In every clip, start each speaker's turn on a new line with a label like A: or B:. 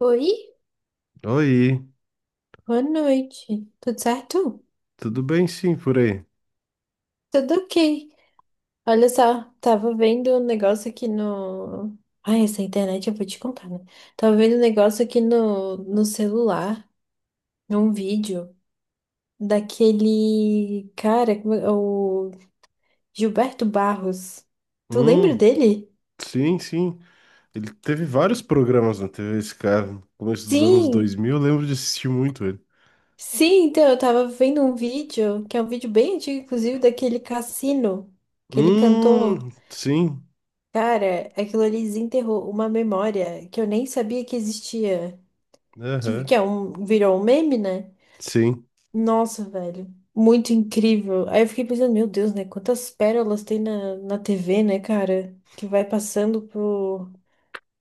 A: Oi,
B: Oi,
A: boa noite. Tudo certo?
B: tudo bem sim por aí?
A: Tudo ok. Olha só, tava vendo um negócio aqui no. Ai, essa internet eu vou te contar, né? Tava vendo um negócio aqui no celular, um vídeo daquele cara, como é- o Gilberto Barros. Tu lembra
B: Hum,
A: dele?
B: sim. Ele teve vários programas na TV, esse cara. No começo dos anos
A: Sim,
B: 2000, eu lembro de assistir muito ele.
A: sim, então eu tava vendo um vídeo, que é um vídeo bem antigo, inclusive, daquele Cassino, aquele cantor.
B: Sim.
A: Cara, aquilo ali desenterrou uma memória que eu nem sabia que existia, que,
B: Aham,
A: que é um, virou um meme, né?
B: sim.
A: Nossa, velho, muito incrível. Aí eu fiquei pensando, meu Deus, né? Quantas pérolas tem na TV, né, cara? Que vai passando por,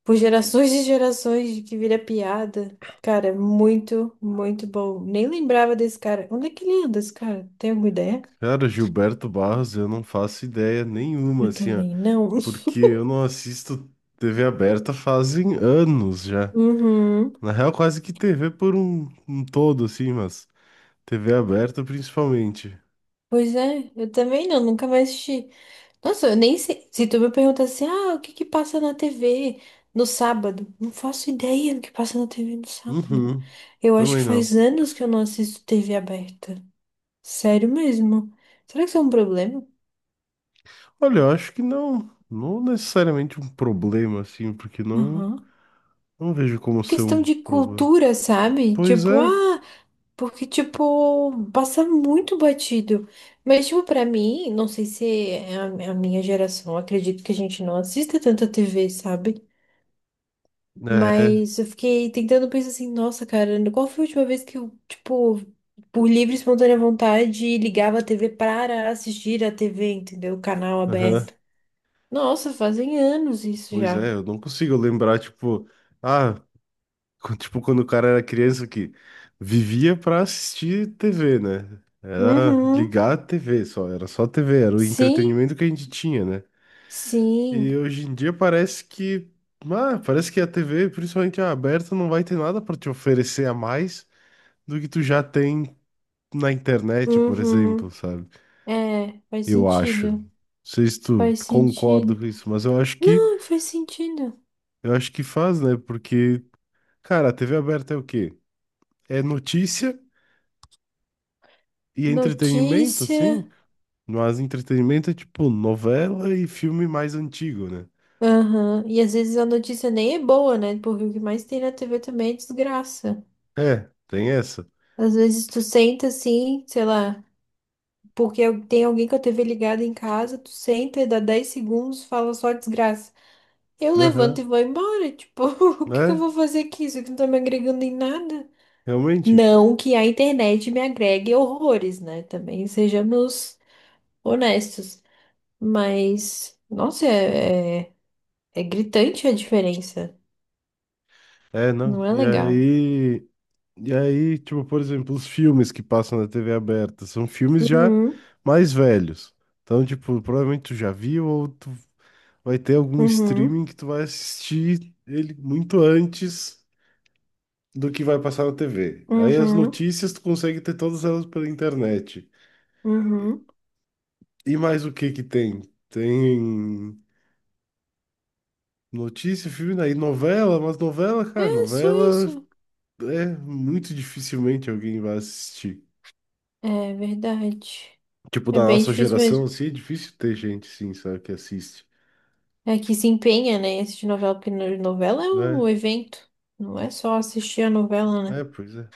A: por gerações e gerações, que vira piada. Cara, muito, muito bom. Nem lembrava desse cara. Onde é que ele anda, esse cara? Tem alguma ideia?
B: Cara, Gilberto Barros, eu não faço ideia nenhuma,
A: Eu
B: assim, ó.
A: também não.
B: Porque eu não assisto TV aberta fazem anos já.
A: Uhum.
B: Na real, quase que TV por um todo, assim, mas TV aberta principalmente.
A: Pois é, eu também não, nunca mais assisti. Nossa, eu nem sei. Se tu me pergunta assim, ah, o que que passa na TV no sábado? Não faço ideia do que passa na TV no sábado.
B: Uhum,
A: Eu acho que
B: também não.
A: faz anos que eu não assisto TV aberta. Sério mesmo. Será que isso é um problema?
B: Olha, eu acho que não, não necessariamente um problema assim, porque não,
A: Aham.
B: não vejo como ser
A: Questão
B: um
A: de
B: problema.
A: cultura, sabe?
B: Pois
A: Tipo,
B: é,
A: ah, porque, tipo, passa muito batido. Mas, tipo, pra mim, não sei se é a minha geração, eu acredito que a gente não assista tanta TV, sabe?
B: é,
A: Mas eu fiquei tentando pensar assim, nossa, cara, qual foi a última vez que eu, tipo, por livre e espontânea vontade, ligava a TV para assistir a TV, entendeu? O canal
B: aham,
A: aberto. Nossa, fazem anos isso
B: pois
A: já.
B: é, eu não consigo lembrar, tipo, ah, tipo quando o cara era criança que vivia pra assistir TV, né? Era
A: Uhum.
B: ligar a TV só, era só TV, era o
A: Sim,
B: entretenimento que a gente tinha, né?
A: sim.
B: E hoje em dia parece que, a TV, principalmente a aberta, não vai ter nada pra te oferecer a mais do que tu já tem na internet, por
A: Uhum.
B: exemplo, sabe?
A: É, faz
B: Eu acho. Não
A: sentido.
B: sei se tu
A: Faz
B: concorda
A: sentido.
B: com isso, mas eu acho que
A: Não, faz sentido.
B: eu acho que faz, né? Porque, cara, a TV aberta é o quê? É notícia e entretenimento,
A: Notícia.
B: sim. Mas entretenimento é tipo novela e filme mais antigo, né?
A: Aham. E às vezes a notícia nem é boa, né? Porque o que mais tem na TV também é desgraça.
B: É, tem essa.
A: Às vezes tu senta assim, sei lá, porque eu- tem alguém com a TV ligada em casa, tu senta e dá 10 segundos, fala só desgraça. Eu
B: Aham.
A: levanto e vou embora, tipo, o que que eu
B: É,
A: vou fazer aqui? Isso aqui não tá me agregando em nada.
B: realmente.
A: Não que a internet me agregue horrores, né? Também sejamos honestos. Mas, nossa, é gritante a diferença.
B: É, não.
A: Não é
B: E
A: legal.
B: aí. E aí, tipo, por exemplo, os filmes que passam na TV aberta são filmes já
A: Uhum,
B: mais velhos. Então, tipo, provavelmente tu já viu ou tu vai ter algum
A: uhum,
B: streaming que tu vai assistir ele muito antes do que vai passar na TV. Aí as
A: uhum,
B: notícias tu consegue ter todas elas pela internet.
A: uhum.
B: E mais o que que tem? Tem notícia, filme, aí novela, mas novela, cara,
A: É só
B: novela
A: isso.
B: é muito dificilmente alguém vai assistir.
A: É verdade.
B: Tipo,
A: É
B: da
A: bem
B: nossa
A: difícil
B: geração,
A: mesmo.
B: assim, é difícil ter gente, sim, sabe, que assiste.
A: É que se empenha, né, em assistir novela, porque no- novela é
B: É,
A: um evento. Não é só assistir a novela, né?
B: é, pois é.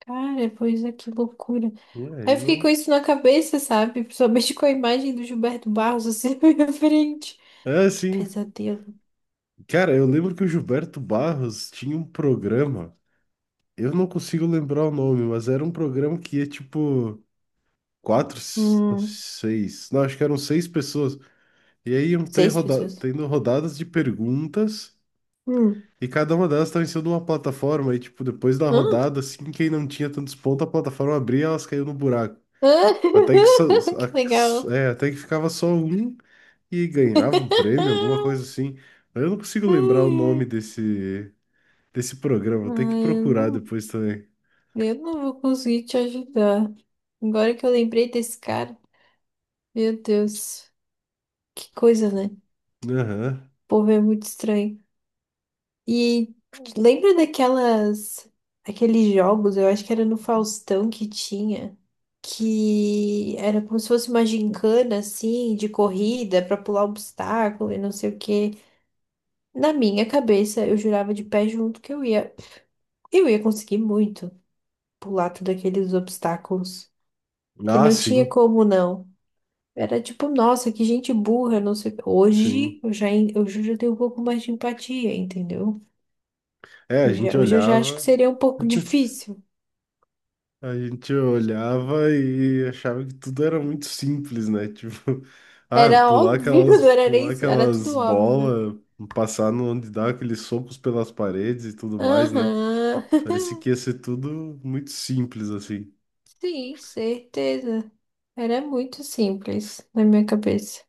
A: Cara, pois é, que loucura.
B: É,
A: Aí
B: aí
A: eu fiquei com
B: não.
A: isso na cabeça, sabe? Principalmente com a imagem do Gilberto Barros assim na minha frente.
B: É,
A: Que
B: sim.
A: pesadelo.
B: Cara, eu lembro que o Gilberto Barros tinha um programa. Eu não consigo lembrar o nome, mas era um programa que ia, tipo,
A: Hum,
B: seis. Não, acho que eram seis pessoas. E aí iam ter
A: seis
B: roda
A: pessoas.
B: tendo rodadas de perguntas.
A: Hum.
B: E cada uma delas estava em cima de uma plataforma. E, tipo, depois da
A: Hã?
B: rodada, assim, quem não tinha tantos pontos, a plataforma abria e elas caíam no buraco.
A: Hã?
B: Até que, só-
A: Que legal.
B: até que ficava só um e ganhava um prêmio, alguma coisa assim. Eu não consigo
A: Ai,
B: lembrar o nome
A: ai.
B: desse programa, vou ter que
A: eu
B: procurar
A: não,
B: depois também.
A: eu não vou conseguir te ajudar. Agora que eu lembrei desse cara, meu Deus. Que coisa, né? O
B: Aham.
A: povo é muito estranho. E lembra daquelas, aqueles jogos, eu acho que era no Faustão que tinha, que era como se fosse uma gincana, assim, de corrida pra pular obstáculo e não sei o quê. Na minha cabeça, eu jurava de pé junto que eu ia conseguir muito pular todos aqueles obstáculos, que
B: Ah,
A: não tinha
B: sim,
A: como não. Era tipo, nossa, que gente burra, não sei. O quê.
B: sim.
A: Hoje eu já, en- eu já tenho um pouco mais de empatia, entendeu?
B: É,
A: Eu já- hoje eu já acho que seria um pouco difícil.
B: a gente olhava e achava que tudo era muito simples, né? Tipo, ah,
A: Era óbvio, não era nem
B: pular
A: isso, era
B: aquelas
A: tudo óbvio.
B: bolas, passar no onde dá aqueles socos pelas paredes e tudo mais, né?
A: Aham.
B: Parecia que ia ser tudo muito simples, assim,
A: Sim, certeza. Era muito simples na minha cabeça.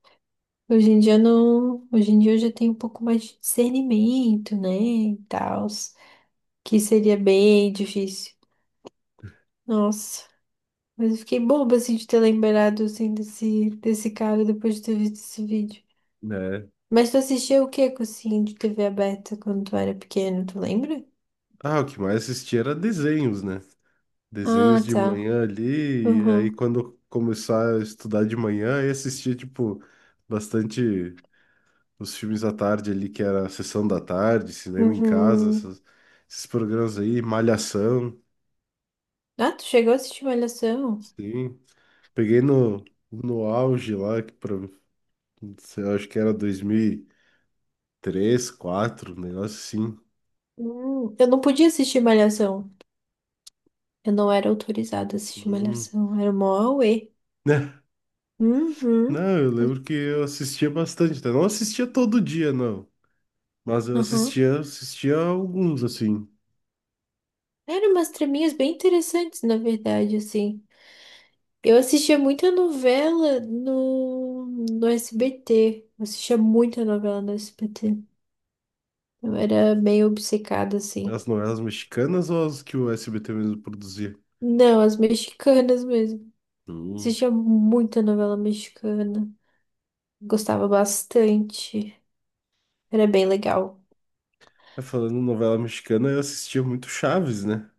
A: Hoje em dia eu não, hoje em dia eu já tenho um pouco mais de discernimento, né, e tal, que seria bem difícil. Nossa, mas eu fiquei boba assim de ter lembrado assim desse cara depois de ter visto esse vídeo.
B: né?
A: Mas tu assistia o que, assim de TV aberta quando tu era pequeno, tu lembra?
B: Ah, o que mais assistia era desenhos, né?
A: Ah,
B: Desenhos de
A: tá.
B: manhã ali, e aí
A: Uhum.
B: quando eu começar a estudar de manhã, aí assistia, tipo, bastante os filmes da tarde ali, que era a sessão da tarde, cinema em casa,
A: Uhum.
B: esses programas aí, Malhação,
A: Ah, tu chegou a assistir Malhação?
B: sim. Peguei no auge lá, que pra, sei lá, acho que era 2003, 2004, um negócio assim.
A: Eu não podia assistir Malhação. Eu não era autorizada a assistir
B: Hum.
A: Malhação. Era mó uê. Uhum.
B: Não, eu
A: Mas-
B: lembro que eu assistia bastante, tá? Não assistia todo dia, não. Mas eu
A: Aham.
B: assistia, assistia alguns, assim.
A: Eram umas traminhas bem interessantes, na verdade, assim. Eu assistia muita novela no SBT. Eu assistia muita novela no SBT. Eu era meio obcecada, assim.
B: As novelas mexicanas ou as que o SBT mesmo produzia?
A: Não, as mexicanas mesmo.
B: Hum.
A: Assistia muita novela mexicana. Gostava bastante. Era bem legal.
B: É, falando em novela mexicana, eu assistia muito Chaves, né?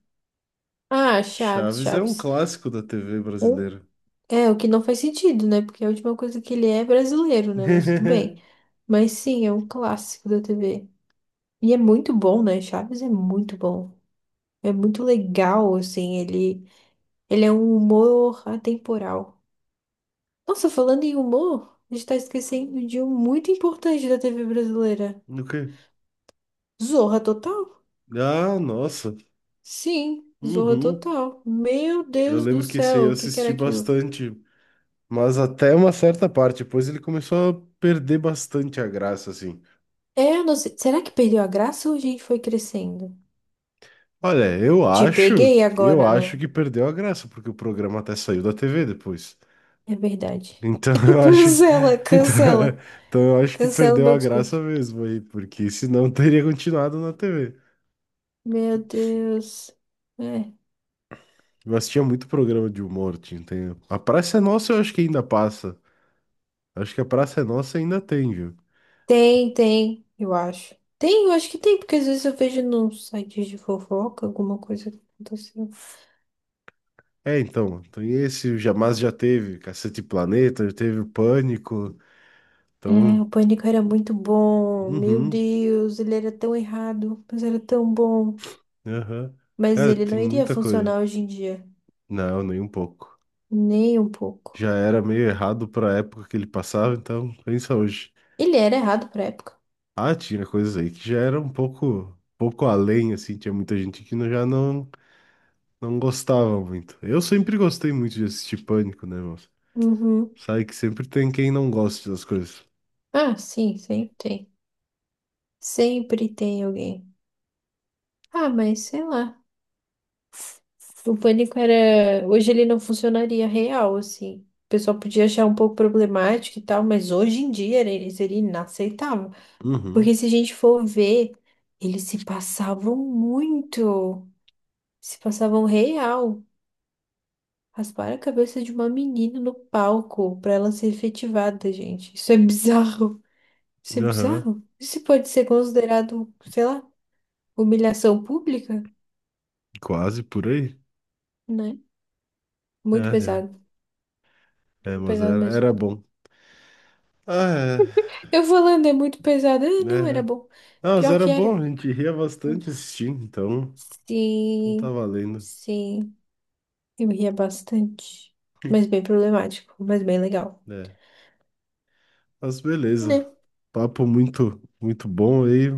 A: Ah, Chaves,
B: Chaves é um
A: Chaves.
B: clássico da TV
A: Um-
B: brasileira.
A: É, o que não faz sentido, né? Porque a última coisa que ele é é brasileiro, né? Mas tudo bem. Mas sim, é um clássico da TV. E é muito bom, né? Chaves é muito bom. É muito legal, assim. Ele é um humor atemporal. Nossa, falando em humor, a gente tá esquecendo de um muito importante da TV brasileira.
B: O quê?
A: Zorra Total?
B: Ah, nossa.
A: Sim, Zorra
B: Uhum.
A: Total. Meu
B: Eu
A: Deus do
B: lembro que esse aí
A: céu,
B: eu
A: o que que era
B: assisti
A: aquilo?
B: bastante, mas até uma certa parte. Depois ele começou a perder bastante a graça, assim.
A: É, eu não sei. Será que perdeu a graça ou a gente foi crescendo?
B: Olha, eu
A: Te
B: acho,
A: peguei
B: eu
A: agora,
B: acho
A: né?
B: que perdeu a graça, porque o programa até saiu da TV depois.
A: É verdade.
B: Então eu acho,
A: Cancela,
B: então,
A: cancela.
B: então eu acho que
A: Cancela o
B: perdeu
A: meu
B: a graça
A: discurso.
B: mesmo aí, porque senão teria continuado na TV.
A: Meu Deus. É.
B: Mas tinha muito programa de humor, A Praça é Nossa eu acho que ainda passa. Acho que a Praça é Nossa ainda tem, viu?
A: Tem, tem, eu acho. Tem, eu acho que tem, porque às vezes eu vejo num site de fofoca alguma coisa que aconteceu.
B: É, então, tem esse, o Jamais já teve, Cacete e Planeta, já teve o Pânico,
A: É, o
B: então,
A: Pânico era muito bom. Meu
B: uhum,
A: Deus, ele era tão errado, mas era tão bom.
B: aham.
A: Mas
B: Cara,
A: ele não
B: tem
A: iria
B: muita coisa.
A: funcionar hoje em dia.
B: Não, nem um pouco.
A: Nem um pouco.
B: Já era meio errado para a época que ele passava, então pensa hoje.
A: Ele era errado pra época.
B: Ah, tinha coisas aí que já era um pouco além, assim, tinha muita gente que não- já não, não gostava muito. Eu sempre gostei muito de assistir Pânico, né, moça?
A: Uhum.
B: Sabe que sempre tem quem não gosta das coisas.
A: Ah, sim, sempre tem. Sempre tem alguém. Ah, mas sei lá. O pânico era. Hoje ele não funcionaria real, assim. O pessoal podia achar um pouco problemático e tal, mas hoje em dia era- ele seria inaceitável. Porque
B: Uhum,
A: se a gente for ver, eles se passavam muito. Se passavam real. Rasparam a cabeça de uma menina no palco pra ela ser efetivada, gente. Isso é bizarro. Isso é
B: aham,
A: bizarro. Isso pode ser considerado, sei lá. Humilhação pública,
B: quase por aí.
A: né? Muito
B: É,
A: pesado, muito
B: mas
A: pesado
B: era,
A: mesmo.
B: era bom. Ah,
A: Eu falando, é muito pesado. Ah, não,
B: é,
A: era
B: é.
A: bom.
B: Não, mas
A: Pior
B: era
A: que
B: bom,
A: era.
B: a gente ria bastante
A: Era.
B: assistindo, então, então tá
A: Sim,
B: valendo.
A: sim. Eu ria bastante. Mas bem problemático, mas bem legal,
B: É, mas beleza.
A: né?
B: Papo muito bom aí.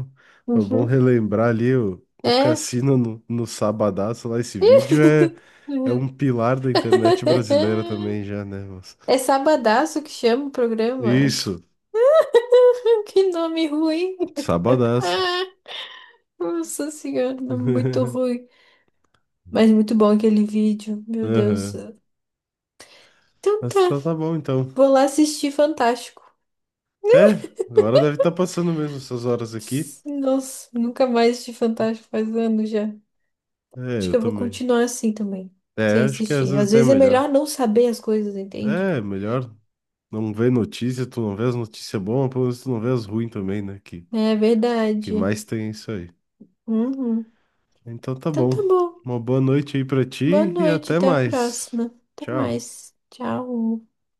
B: É bom
A: Uhum.
B: relembrar ali o
A: É.
B: cassino no Sabadaço lá. Esse vídeo é, é
A: Uhum.
B: um pilar da internet brasileira também já, né, moço?
A: É Sabadaço que chama o programa.
B: Isso,
A: Que nome ruim.
B: Sabadaço.
A: Nossa senhora, nome muito ruim. Mas muito bom aquele vídeo, meu Deus.
B: Aham.
A: Então tá,
B: Tá bom então.
A: vou lá assistir Fantástico.
B: É, agora deve estar passando mesmo essas horas aqui.
A: Ps, nossa, nunca mais assisti Fantástico faz anos já.
B: É,
A: Acho
B: eu
A: que eu vou
B: também.
A: continuar assim também,
B: É,
A: sem
B: acho que às
A: assistir.
B: vezes
A: Às
B: até é
A: vezes é
B: melhor.
A: melhor não saber as coisas, entende?
B: É, melhor não ver notícia, tu não vê as notícias boas, pelo menos tu não vê as ruins também, né?
A: É
B: Que
A: verdade.
B: mais tem é isso aí.
A: Uhum.
B: Então tá
A: Então
B: bom.
A: tá bom.
B: Uma boa noite aí pra
A: Boa
B: ti e
A: noite,
B: até
A: até a
B: mais.
A: próxima. Até
B: Tchau.
A: mais. Tchau.